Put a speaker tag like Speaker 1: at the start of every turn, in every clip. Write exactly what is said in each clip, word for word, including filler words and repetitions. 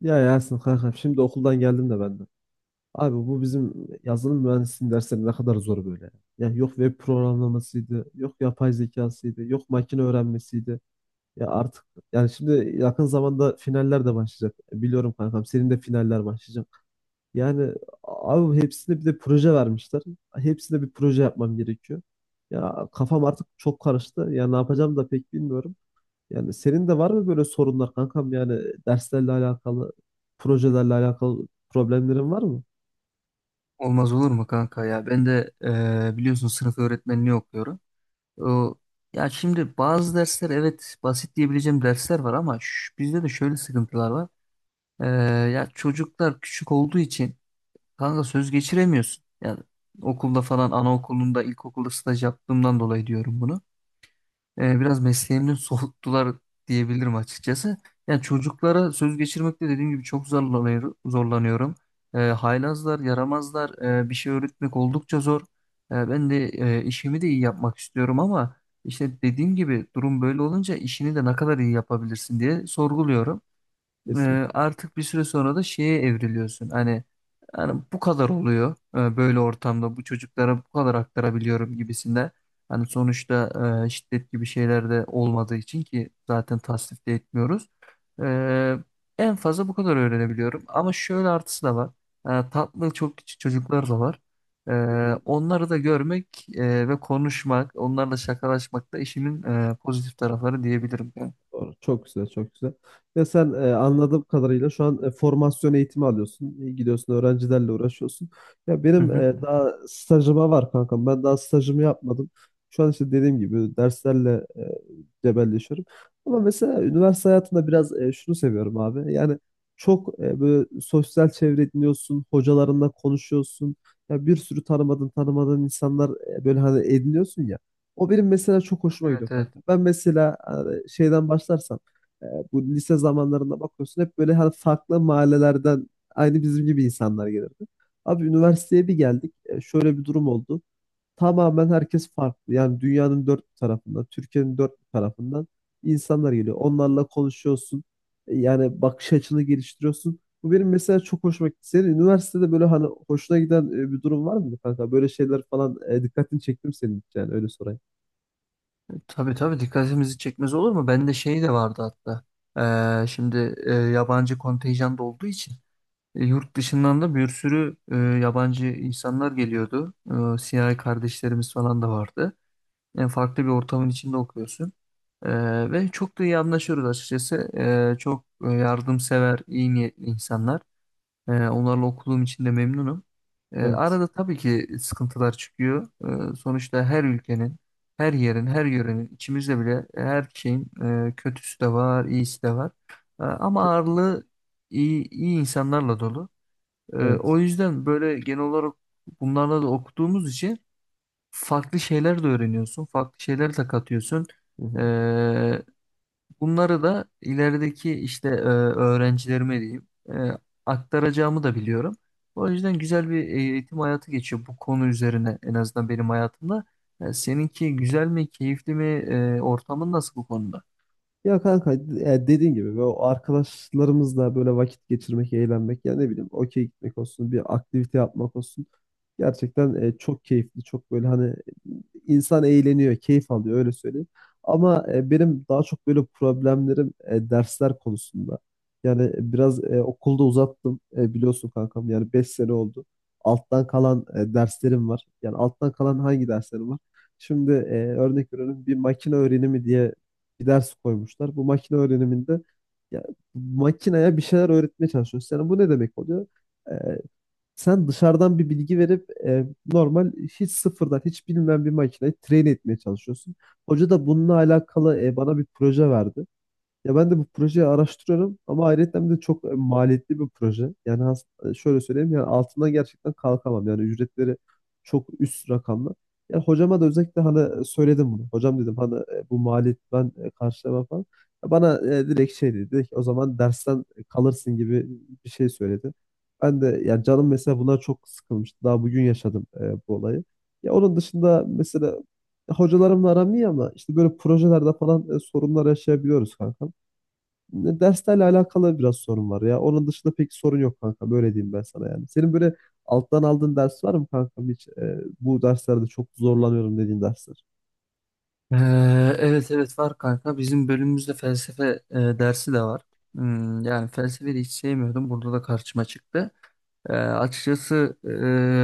Speaker 1: Ya Yasin kankam şimdi okuldan geldim de ben de. Abi bu bizim yazılım mühendisliğinin dersleri ne kadar zor böyle. Ya yok web programlamasıydı, yok yapay zekasıydı, yok makine öğrenmesiydi. Ya artık yani şimdi yakın zamanda finaller de başlayacak. Biliyorum kankam senin de finaller başlayacak. Yani abi hepsine bir de proje vermişler. Hepsine bir proje yapmam gerekiyor. Ya kafam artık çok karıştı. Ya ne yapacağım da pek bilmiyorum. Yani senin de var mı böyle sorunlar kankam? Yani derslerle alakalı, projelerle alakalı problemlerin var mı?
Speaker 2: Olmaz olur mu kanka ya? Ben de e, biliyorsun sınıf öğretmenliği okuyorum. O, ya şimdi bazı dersler evet basit diyebileceğim dersler var ama ş- bizde de şöyle sıkıntılar var. E, ya çocuklar küçük olduğu için kanka söz geçiremiyorsun. Yani okulda falan anaokulunda ilkokulda staj yaptığımdan dolayı diyorum bunu e, biraz mesleğimden soğuttular diyebilirim açıkçası. Yani çocuklara söz geçirmekte dediğim gibi çok zorlanıyor, zorlanıyorum. E, haylazlar, yaramazlar, e, bir şey öğretmek oldukça zor. E, ben de e, işimi de iyi yapmak istiyorum ama işte dediğim gibi durum böyle olunca işini de ne kadar iyi yapabilirsin diye sorguluyorum, e,
Speaker 1: Kesinlikle.
Speaker 2: artık bir süre sonra da şeye evriliyorsun. Hani yani bu kadar oluyor, e, böyle ortamda bu çocuklara bu kadar aktarabiliyorum gibisinde. Hani sonuçta e, şiddet gibi şeyler de olmadığı için ki zaten tasnif de etmiyoruz. E, en fazla bu kadar öğrenebiliyorum. Ama şöyle artısı da var. E, tatlı çok küçük çocuklar da var. E, onları da görmek e, ve konuşmak, onlarla şakalaşmak da işimin e, pozitif tarafları diyebilirim. Yani.
Speaker 1: Doğru. Çok güzel, çok güzel. Ya sen e, anladığım kadarıyla şu an e, formasyon eğitimi alıyorsun. E, Gidiyorsun öğrencilerle uğraşıyorsun. Ya
Speaker 2: Hı
Speaker 1: benim
Speaker 2: hı.
Speaker 1: e, daha stajıma var kankam. Ben daha stajımı yapmadım. Şu an işte dediğim gibi derslerle e, cebelleşiyorum. Ama mesela üniversite hayatında biraz e, şunu seviyorum abi. Yani çok e, böyle sosyal çevre ediniyorsun, hocalarınla konuşuyorsun. Ya bir sürü tanımadığın tanımadığın insanlar e, böyle hani ediniyorsun ya. O benim mesela çok hoşuma gidiyor
Speaker 2: Evet evet.
Speaker 1: kanka. Ben mesela hani şeyden başlarsam e, bu lise zamanlarında bakıyorsun hep böyle hani farklı mahallelerden aynı bizim gibi insanlar gelirdi. Abi üniversiteye bir geldik. e, şöyle bir durum oldu. Tamamen herkes farklı. Yani dünyanın dört bir tarafından, Türkiye'nin dört bir tarafından insanlar geliyor. Onlarla konuşuyorsun. E, Yani bakış açını geliştiriyorsun. Bu benim mesela çok hoşuma gitti. Senin üniversitede böyle hani hoşuna giden e, bir durum var mı kanka? Böyle şeyler falan e, dikkatini çektim senin hiç yani öyle sorayım.
Speaker 2: Tabii tabii dikkatimizi çekmez olur mu? Bende şey de vardı hatta. Ee, şimdi e, yabancı kontenjan da olduğu için e, yurt dışından da bir sürü e, yabancı insanlar geliyordu. E, siyahi kardeşlerimiz falan da vardı. En farklı bir ortamın içinde okuyorsun. E, ve çok da iyi anlaşıyoruz açıkçası. E, çok e, yardımsever, iyi niyetli insanlar. Ee, onlarla okuduğum için de memnunum. Ee,
Speaker 1: Evet.
Speaker 2: arada tabii ki sıkıntılar çıkıyor. Ee, sonuçta her ülkenin, her yerin, her yörenin, içimizde bile her şeyin e, kötüsü de var, iyisi de var. Ee, ama
Speaker 1: Kes-
Speaker 2: ağırlığı iyi, iyi insanlarla dolu. Ee, o
Speaker 1: Evet.
Speaker 2: yüzden böyle genel olarak bunlarla da okuduğumuz için farklı şeyler de öğreniyorsun, farklı şeyler de katıyorsun.
Speaker 1: Hı hı.
Speaker 2: Ee, Bunları da ilerideki işte e, öğrencilerime diyeyim e, aktaracağımı da biliyorum. O yüzden güzel bir eğitim hayatı geçiyor bu konu üzerine en azından benim hayatımda. E, seninki güzel mi, keyifli mi, e, ortamın nasıl bu konuda?
Speaker 1: Ya kanka ya dediğin gibi böyle o arkadaşlarımızla böyle vakit geçirmek, eğlenmek ya ne bileyim okey gitmek olsun, bir aktivite yapmak olsun. Gerçekten e, çok keyifli, çok böyle hani insan eğleniyor, keyif alıyor öyle söyleyeyim. Ama e, benim daha çok böyle problemlerim e, dersler konusunda. Yani biraz e, okulda uzattım e, biliyorsun kankam yani beş sene oldu. Alttan kalan e, derslerim var. Yani alttan kalan hangi derslerim var? Şimdi e, örnek veriyorum bir makine öğrenimi diye bir ders koymuşlar. Bu makine öğreniminde ya, makineye bir şeyler öğretmeye çalışıyorsun. Yani bu ne demek oluyor? Ee, Sen dışarıdan bir bilgi verip e, normal hiç sıfırdan hiç bilmeyen bir makineyi train etmeye çalışıyorsun. Hoca da bununla alakalı e, bana bir proje verdi. Ya ben de bu projeyi araştırıyorum ama ayrıca de çok e, maliyetli bir proje. Yani has- e, şöyle söyleyeyim yani altından gerçekten kalkamam. Yani ücretleri çok üst rakamlı. Yani hocama da özellikle hani söyledim bunu. Hocam dedim hani e, bu maliyet ben e, karşılamam falan. Ya Bana e, direkt şey dedi. Dedi ki, o zaman dersten kalırsın gibi bir şey söyledi. Ben de yani canım mesela buna çok sıkılmıştı. Daha bugün yaşadım e, bu olayı. Ya onun dışında mesela hocalarımla aram iyi ama işte böyle projelerde falan e, sorunlar yaşayabiliyoruz kanka. Ne- Derslerle alakalı biraz sorun var ya. Onun dışında pek sorun yok kanka. Böyle diyeyim ben sana yani. Senin böyle alttan aldığın ders var mı kankam hiç? e, bu derslerde çok zorlanıyorum dediğin dersler.
Speaker 2: Ee, evet evet var kanka. Bizim bölümümüzde felsefe e, dersi de var. Hmm, yani felsefeyi de hiç sevmiyordum. Burada da karşıma çıktı. Ee, açıkçası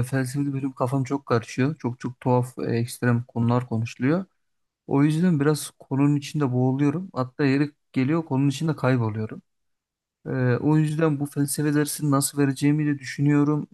Speaker 2: e, felsefeli bölüm kafam çok karışıyor. Çok çok tuhaf, e, ekstrem konular konuşuluyor. O yüzden biraz konunun içinde boğuluyorum. Hatta yeri geliyor konunun içinde kayboluyorum. Ee, o yüzden bu felsefe dersini nasıl vereceğimi de düşünüyorum.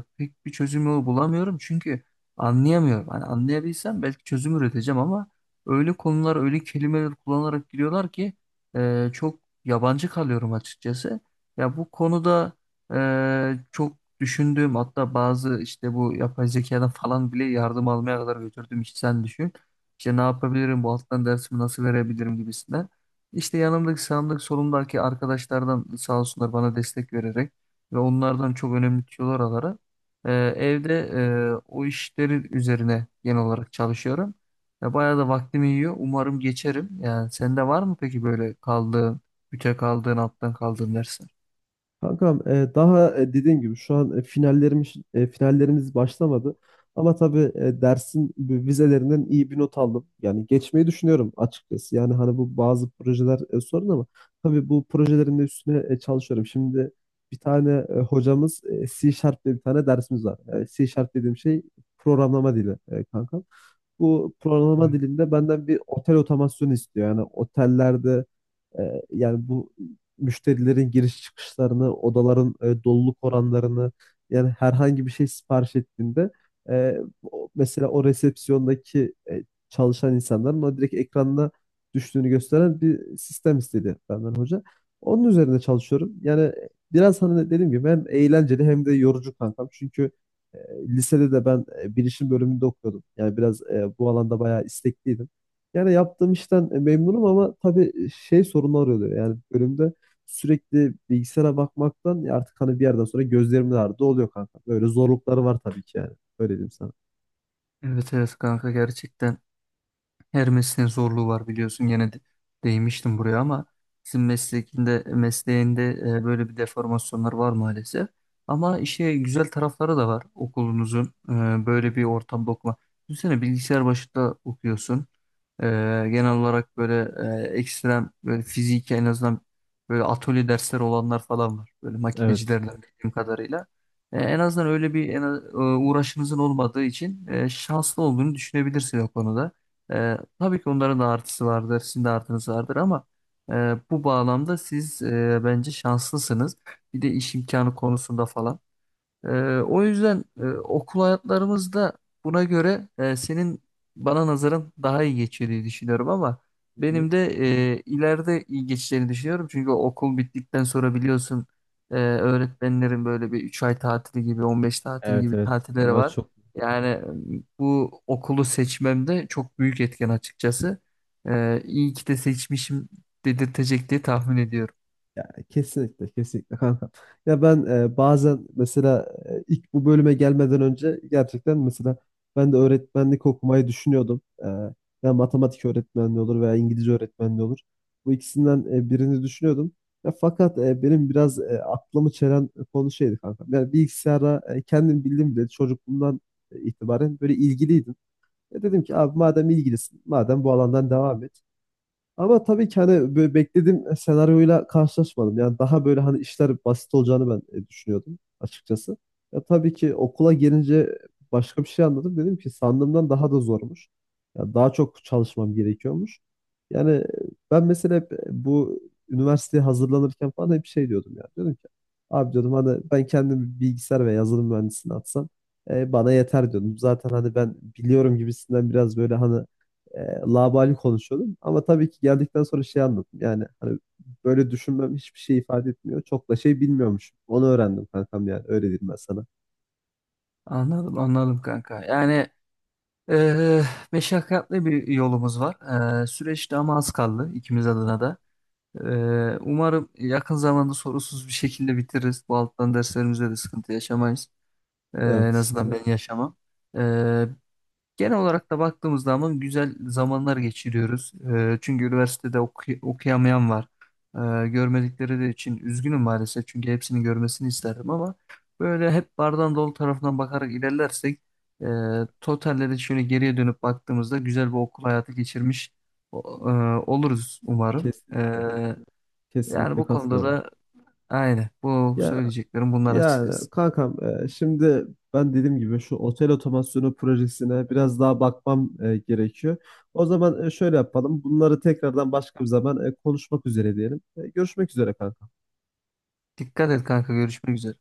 Speaker 2: Ee, pek bir çözüm yolu bulamıyorum çünkü anlayamıyorum. Hani anlayabilsem belki çözüm üreteceğim ama öyle konular, öyle kelimeler kullanarak giriyorlar ki e, çok yabancı kalıyorum açıkçası. Ya bu konuda e, çok düşündüğüm hatta bazı işte bu yapay zekadan falan bile yardım almaya kadar götürdüm. İşte sen düşün. İşte ne yapabilirim, bu alttan dersimi nasıl verebilirim gibisinden. İşte yanımdaki sağımdaki solumdaki arkadaşlardan sağ olsunlar bana destek vererek ve onlardan çok önemli tüyolar alarak e, evde e, o işlerin üzerine genel olarak çalışıyorum. Ya bayağı da vaktimi yiyor. Umarım geçerim. Yani sende var mı peki böyle kaldığın, büte kaldığın, alttan kaldığın dersler?
Speaker 1: Kankam e, daha e, dediğim gibi şu an e, finallerimiz e, finallerimiz başlamadı. Ama tabii e, dersin bu vizelerinden iyi bir not aldım. Yani geçmeyi düşünüyorum açıkçası. Yani hani bu bazı projeler e, sorun ama tabii bu projelerin de üstüne e, çalışıyorum. Şimdi bir tane e, hocamız e, C Sharp diye bir tane dersimiz var. E, C Sharp dediğim şey programlama dili e, kankam. Bu programlama dilinde benden bir otel otomasyonu istiyor. Yani otellerde e, yani bu müşterilerin giriş çıkışlarını, odaların e, doluluk oranlarını yani herhangi bir şey sipariş ettiğinde e, o- mesela o resepsiyondaki e, çalışan insanların o direkt ekranına düştüğünü gösteren bir sistem istedi benden hoca. Onun üzerinde çalışıyorum. Yani biraz hani dediğim gibi hem eğlenceli hem de yorucu kankam. Çünkü e, lisede de ben e, bilişim bölümünde okuyordum. Yani biraz e, bu alanda bayağı istekliydim. Yani yaptığım işten e, memnunum ama tabii e, şey sorunlar oluyor. Yani bölümde sürekli bilgisayara bakmaktan ya artık hani bir yerden sonra gözlerim de ağrıdı oluyor kanka. Böyle zorlukları var tabii ki yani. Öyle diyeyim sana.
Speaker 2: Evet evet kanka gerçekten. Her mesleğin zorluğu var biliyorsun gene de, değmiştim buraya ama sizin mesleğinde mesleğinde e, böyle bir deformasyonlar var maalesef. Ama işte güzel tarafları da var okulunuzun, e, böyle bir ortamda okuma. Düşünsene bilgisayar başında okuyorsun. E, genel olarak böyle e, ekstrem böyle fizik en azından böyle atölye dersleri olanlar falan var. Böyle
Speaker 1: Evet.
Speaker 2: makinecilerden bildiğim kadarıyla. E, en azından öyle bir en, az- e, uğraşınızın olmadığı için e, şanslı olduğunu düşünebilirsin o konuda. Ee, tabii ki onların da artısı vardır, sizin de artınız vardır ama e, bu bağlamda siz e, bence şanslısınız. Bir de iş imkanı konusunda falan. Ee, o yüzden e, okul hayatlarımız da buna göre e, senin bana nazaran daha iyi geçiyor diye düşünüyorum ama
Speaker 1: Hı hı.
Speaker 2: benim de e, ileride iyi geçeceğini düşünüyorum. Çünkü okul bittikten sonra biliyorsun e, öğretmenlerin böyle bir üç ay tatili gibi on beş tatil
Speaker 1: Evet,
Speaker 2: gibi
Speaker 1: evet.
Speaker 2: tatilleri
Speaker 1: Aa,
Speaker 2: var.
Speaker 1: çok.
Speaker 2: Yani e, bu okulu seçmemde çok büyük etken açıkçası. E, iyi ki de seçmişim dedirtecek diye tahmin ediyorum.
Speaker 1: Yani kesinlikle kesinlikle kanka. Ya ben e, bazen mesela e, ilk bu bölüme gelmeden önce gerçekten mesela ben de öğretmenlik okumayı düşünüyordum. E, ya matematik öğretmenliği olur veya İngilizce öğretmenliği olur. Bu ikisinden e, birini düşünüyordum. Ya fakat e, benim biraz e, aklımı çelen konu şeydi kanka. Yani bilgisayara e, kendim bildim bile çocukluğumdan e, itibaren böyle ilgiliydim. Ya dedim ki abi madem ilgilisin, madem bu alandan devam et. Ama tabii ki hani böyle beklediğim senaryoyla karşılaşmadım. Yani daha böyle hani işler basit olacağını ben e, düşünüyordum açıkçası. Ya tabii ki okula gelince başka bir şey anladım. Dedim ki sandığımdan daha da zormuş. Ya daha çok çalışmam gerekiyormuş. Yani e, ben mesela hep e, bu üniversiteye hazırlanırken falan hep şey diyordum yani. Diyordum ki abi diyordum hani ben kendimi bilgisayar ve yazılım mühendisliğine atsam e, bana yeter diyordum. Zaten hani ben biliyorum gibisinden biraz böyle hani e, laubali konuşuyordum. Ama tabii ki geldikten sonra şey anladım. Yani hani böyle düşünmem hiçbir şey ifade etmiyor. Çok da şey bilmiyormuşum. Onu öğrendim kankam yani. Öyle diyeyim ben sana.
Speaker 2: Anladım, anladım kanka. Yani. Ee, meşakkatli bir yolumuz var. Ee, süreçte ama az kaldı ikimiz adına da. Ee, umarım yakın zamanda sorunsuz bir şekilde bitiririz. Bu alttan derslerimizde de sıkıntı yaşamayız. Ee, en
Speaker 1: Evet.
Speaker 2: azından ben yaşamam. Genel olarak da baktığımız zaman güzel zamanlar geçiriyoruz. Ee, çünkü üniversitede oku- okuyamayan var. Ee, görmedikleri de için üzgünüm maalesef. Çünkü hepsini görmesini isterdim ama böyle hep bardağın dolu tarafından bakarak ilerlersek e, totalde de şöyle geriye dönüp baktığımızda güzel bir okul hayatı geçirmiş o- e, oluruz umarım.
Speaker 1: Kesinlikle.
Speaker 2: Ee, yani
Speaker 1: Kesinlikle
Speaker 2: bu konuda
Speaker 1: katılıyorum.
Speaker 2: da aynı. Bu
Speaker 1: Ya
Speaker 2: söyleyeceklerim bunlar
Speaker 1: yani
Speaker 2: açıkçası.
Speaker 1: kankam e, şimdi ben dediğim gibi şu otel otomasyonu projesine biraz daha bakmam e, gerekiyor. O zaman e, şöyle yapalım. Bunları tekrardan başka bir zaman e, konuşmak üzere diyelim. E, görüşmek üzere kankam.
Speaker 2: Dikkat et kanka görüşmek üzere.